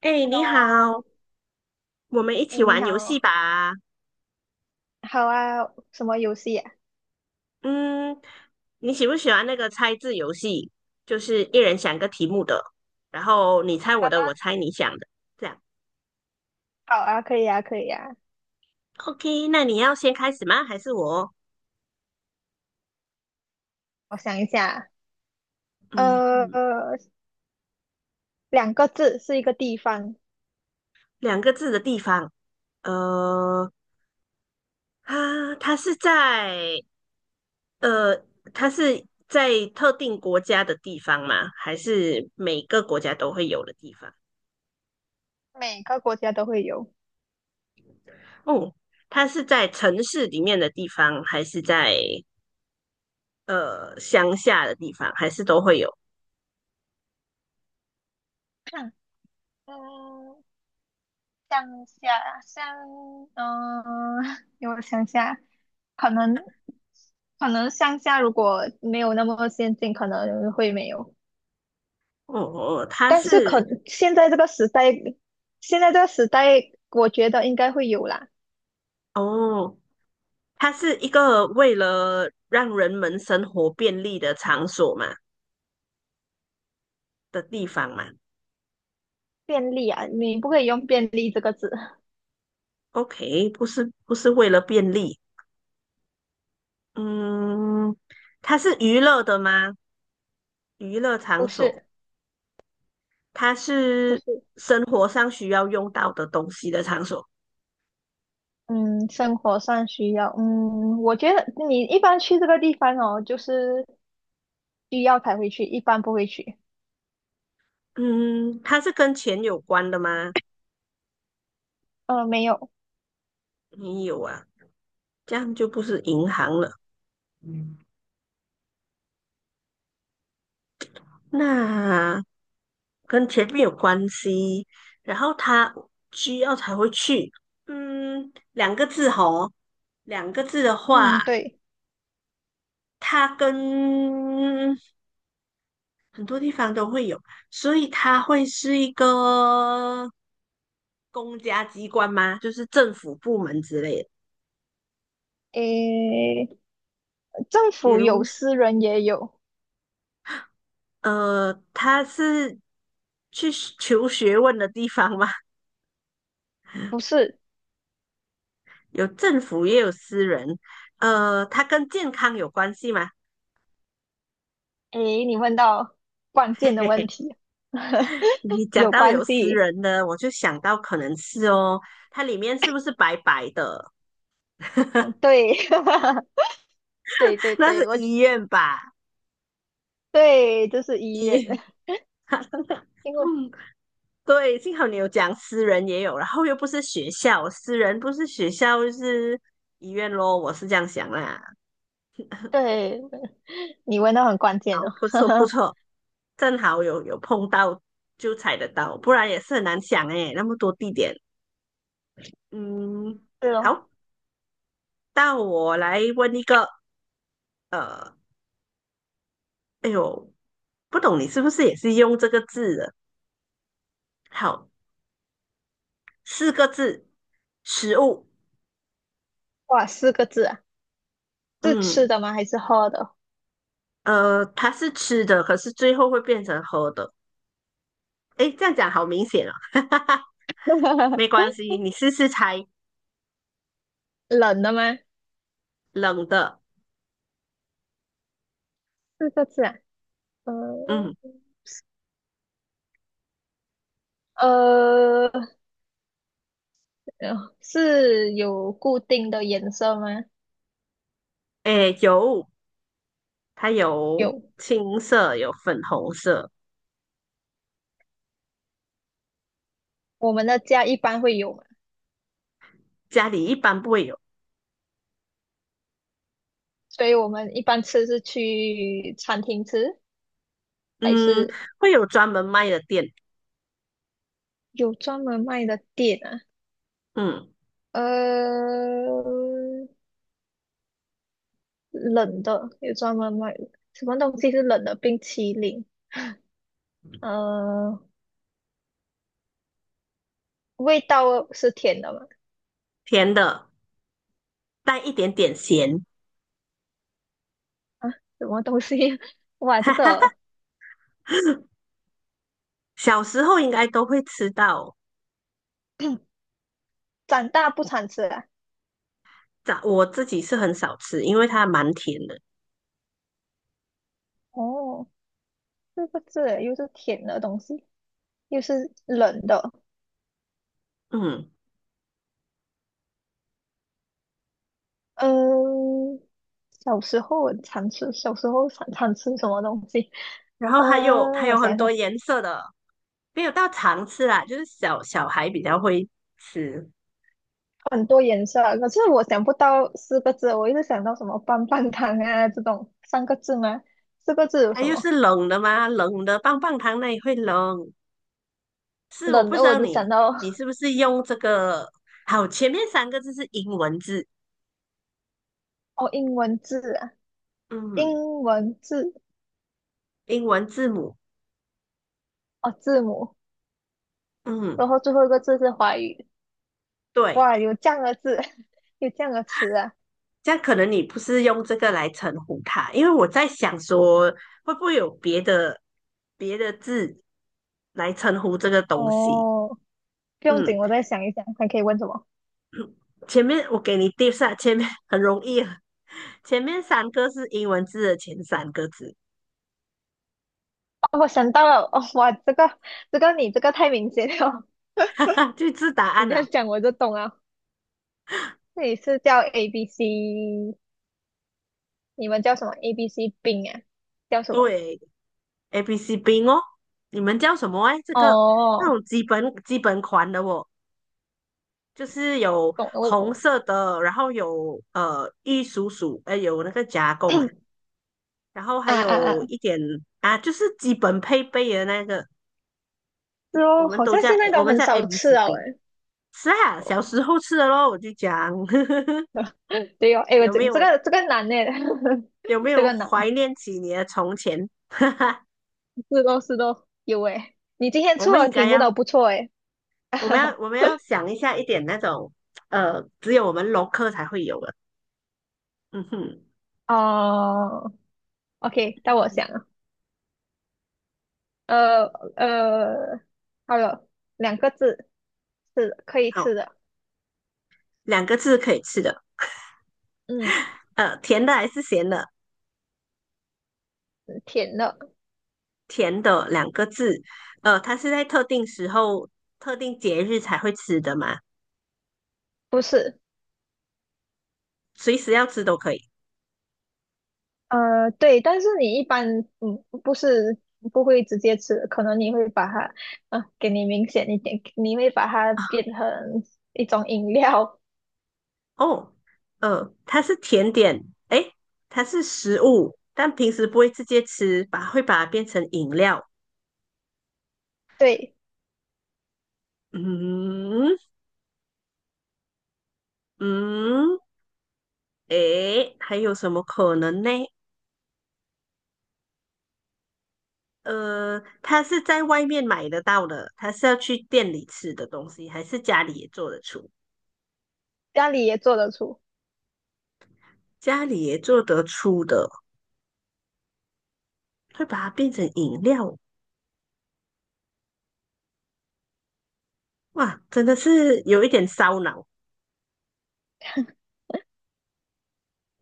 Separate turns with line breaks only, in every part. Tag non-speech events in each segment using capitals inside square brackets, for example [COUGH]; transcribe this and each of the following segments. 哎，你
哦，
好，我们一
哎，
起
你
玩游戏
好，
吧。
好啊，什么游戏啊？
嗯，你喜不喜欢那个猜字游戏？就是一人想个题目的，然后你猜
好
我的，
啊，
我猜你想的，这样。
好啊，可以啊，可以啊。
OK，那你要先开始吗？还是我？
我想一下，
嗯嗯，
呃，两个字是一个地方，
两个字的地方，呃，它是在呃，它是在特定国家的地方吗？还是每个国家都会有的地方？
每个国家都会有。
哦，它是在城市里面的地方，还是在？呃乡下的地方，还是都会有。
[CLEARS THROAT] 嗯，乡下乡，嗯，[LAUGHS] 给我想下，可能可能乡下如果没有那么先进，可能会没有。
哦哦，
但是可现在这个时代，现在这个时代，我觉得应该会有啦。
哦，它是一个为了让人们生活便利的场所嘛的地方嘛。
便利啊，你不可以用便利这个字，
OK，不是为了便利，嗯，它是娱乐的吗？娱乐场
不
所，
是
它
不
是
是，
生活上需要用到的东西的场所。
嗯，生活上需要，嗯，我觉得你一般去这个地方哦，就是需要才会去，一般不会去。
嗯，它是跟钱有关的吗？
没有，
没有啊，这样就不是银行了。嗯，那跟前面有关系，然后他需要才会去。嗯，两个字吼，两个字的
嗯，
话，
对，
它跟很多地方都会有，所以它会是一个公家机关吗？就是政府部门之类的。
诶，政
比
府
如，
有，私人也有，
呃，它是去求学问的地方吗？[LAUGHS]
不是，
有政府也有私人，呃，它跟健康有关系吗？
诶，你问到关键的问
[LAUGHS]
题，[LAUGHS]
你讲
有
到
关
有私
系，
人的，我就想到可能是哦，它里面是不是白白的？
嗯，
[LAUGHS]
对，[LAUGHS] 对对
那
对，
是医院吧？
对，这是医
医
院，
院。
[LAUGHS] 因为
嗯，对，幸好你有讲私人也有，然后又不是学校，私人不是学校就是医院咯，我是这样想啦。
对，你问到很关键
好，
哦。
不错不
[LAUGHS]
错，正好有碰到就踩得到，不然也是很难想诶，那么多地点。嗯，
是哦，
好，到我来问一个，呃，哎呦，不懂你是不是也是用这个字的？好，四个字，食物。
哇，四个字啊，是吃
嗯，
的吗？还是喝的？
呃，它是吃的，可是最后会变成喝的。哎，这样讲好明显哦。[LAUGHS] 没
[LAUGHS]
关系，你试试猜，
冷的吗？
冷的。
四个字啊，呃
嗯，
呃，是有固定的颜色吗？
哎，有，它有
有，
青色，有粉红色，
我们的家一般会有嘛，
家里一般不会有。
所以我们一般吃是去餐厅吃，还
嗯，
是
会有专门卖的店。
有专门卖的店啊？
嗯，
呃，冷的有专门卖的，什么东西是冷的？冰淇淋，呃，味道是甜的吗？
甜的，带一点点咸，
啊，什么东西？[LAUGHS] 哇，这个
小时候应该都会吃到。
长大不常吃啊！
早我自己是很少吃，因为它蛮甜的，
哦，四个字耶又是甜的东西，又是冷的。
嗯，
嗯，小时候我常吃，小时候常常吃什么东西？
然
[LAUGHS]
后它有它
嗯，我
有很
想
多
想，
颜色的，没有到常吃啦，就是小小孩比较会吃。
很多颜色啊可是我想不到四个字，我一直想到什么棒棒糖啊这种三个字吗？四个字有
它
什
又是
么？
冷的嘛，冷的棒棒糖那也会冷。是我
冷
不知
的我
道
就想
你
到
你是不是用这个？好，前面三个字是英文字，
哦，英文字啊，
嗯，
英文字
英文字母，
哦，字母，然
嗯，
后最后一个字是华语。
对，
哇，有这样的字，[LAUGHS] 有这样的词啊！
这样可能你不是用这个来称呼它，因为我在想说会不会有别的字来称呼这个东西。
哦，不用
嗯，
紧，我再想一想，还可以问什么？
前面我给你 d i 前面很容易啊 [LAUGHS] 前面三个是英文字的前三个字，
哦，我想到了，哦，哇，这个你这个太明显了，
[LAUGHS] 哈哈，就知答
[LAUGHS] 你
案
这样
了。
讲我就懂了。这里是叫 A B C，你们叫什么？A B C 冰啊？叫什么？
对，A B C B 哦，你们叫什么哎？这个那
哦，
种基本款的哦，就是有
懂了，我懂
红
了。
色的，然后有呃玉蜀黍，呃有那个加工啊，然后还
啊啊啊！
有一点啊，就是基本配备的那个，
是
我
哦，
们
好
都
像
叫
现在
我
都
们
很
叫 A
少
B
吃
C
了
B。
诶。
是啊，小时候吃的咯，我就讲 [LAUGHS]
对哦，诶，我
有
这
没
这
有
个这个难诶，
有没
[LAUGHS] 这
有
个难，
怀念起你的从前？[LAUGHS]
是都是都有诶。你今天
我
出
们
的
应
题
该
目都
要，
不错诶。
我们要
[LAUGHS]
我们要想一下一点那种呃，只有我们龙科才会有的。嗯哼，
哦，OK，到我想了，呃呃，好了，两个字，是的可以
好，
吃的，
两个字可以吃的，
嗯，
呃，甜的还是咸的？
甜的，
甜的两个字，呃，它是在特定时候、特定节日才会吃的嘛，
不是，
随时要吃都可以。
对，但是你一般，嗯，不是不会直接吃，可能你会把它，啊、给你明显一点，你会把它变成一种饮料，
哦，嗯，它是甜点，诶，它是食物，但平时不会直接吃，把会把它变成饮料。
对，
嗯嗯，诶，还有什么可能呢？呃，它是在外面买得到的，它是要去店里吃的东西，还是家里也做得出？
家里也做得出，
家里也做得出的，会把它变成饮料。哇，真的是有一点烧脑。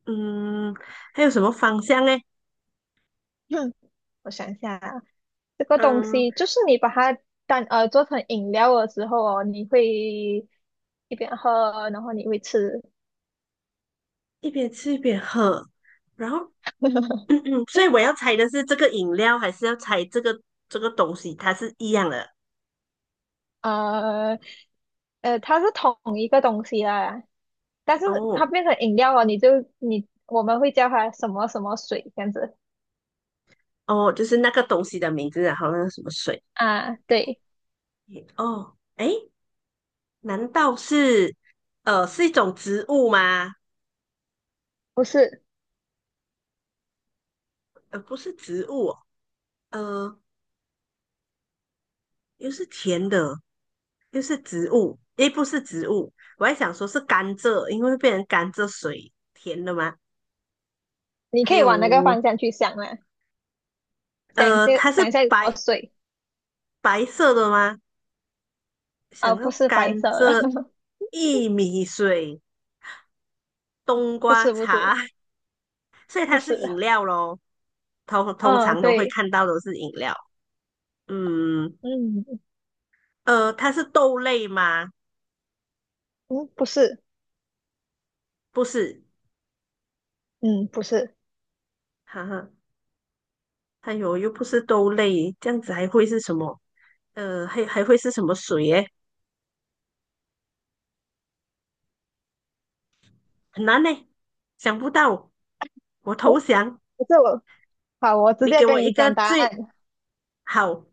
嗯，还有什么方向呢？
[CLEARS THROAT] 我想一下啊，这个东
嗯。
西就是你把它当做成饮料的时候哦，你会一边喝，然后你会吃。
一边吃一边喝，然后，
[LAUGHS]
嗯嗯，所以我要猜的是这个饮料，还是要猜这个东西，它是一样的
呃它是同一个东西啦，但是它
哦
变成饮料了，你就你我们会叫它什么什么水这样子
哦，就是那个东西的名字啊，然后那个什么水
啊？对，
哦，诶，难道是呃是一种植物吗？
不是，
呃，不是植物哦，呃，又是甜的，又是植物，诶，不是植物，我还想说是甘蔗，因为会变成甘蔗水，甜的吗？
你可
还
以往那个
有
方向去想啦，
呃，它是
想一下有什么
白
水
白色的吗？想
啊？
要
不是
甘
白色的，
蔗、薏米水、
[LAUGHS]
冬
不
瓜
是不
茶，
是
[LAUGHS] 所以
不
它是
是，
饮料咯。通通
嗯，
常都会
对，
看到都是饮料。嗯，
嗯
呃，它是豆类吗？
嗯，不是，
不是，
嗯不是，
哈哈，哎呦，又不是豆类，这样子还会是什么？呃，还会是什么水耶？很难呢，想不到，我
诶
投降。
不是我。好，我直
你
接
给
跟
我一
你讲
个
答
最
案。
好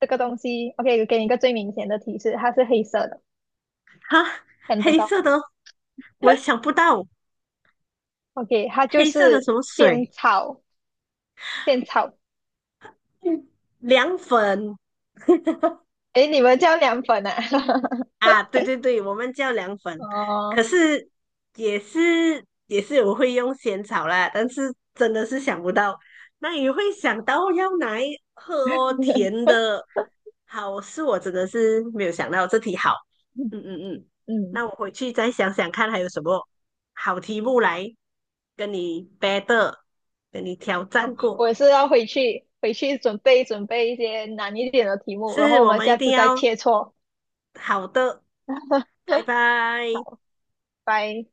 这个东西，OK，给你一个最明显的提示，它是黑色的，
哈，
看得
黑
到。
色的，我想不到
OK，它就
黑色的
是
什么水，
现炒现炒。
嗯凉粉。
诶，你们叫凉粉啊？[LAUGHS]
啊，对对对，我们叫凉粉，
哦，
可是也是我会用仙草啦，但是真的是想不到，那也会想到要拿来喝哦，甜的，好，是我真的是没有想到这题好，嗯嗯嗯，
嗯，
那我回去再想想看还有什么好题目来跟你 battle，跟你挑战过，
我是要回去准备准备一些难一点的题目，然后
是
我
我
们
们一
下
定
次再
要
切磋。
好的，拜拜。
[LAUGHS] 好，拜。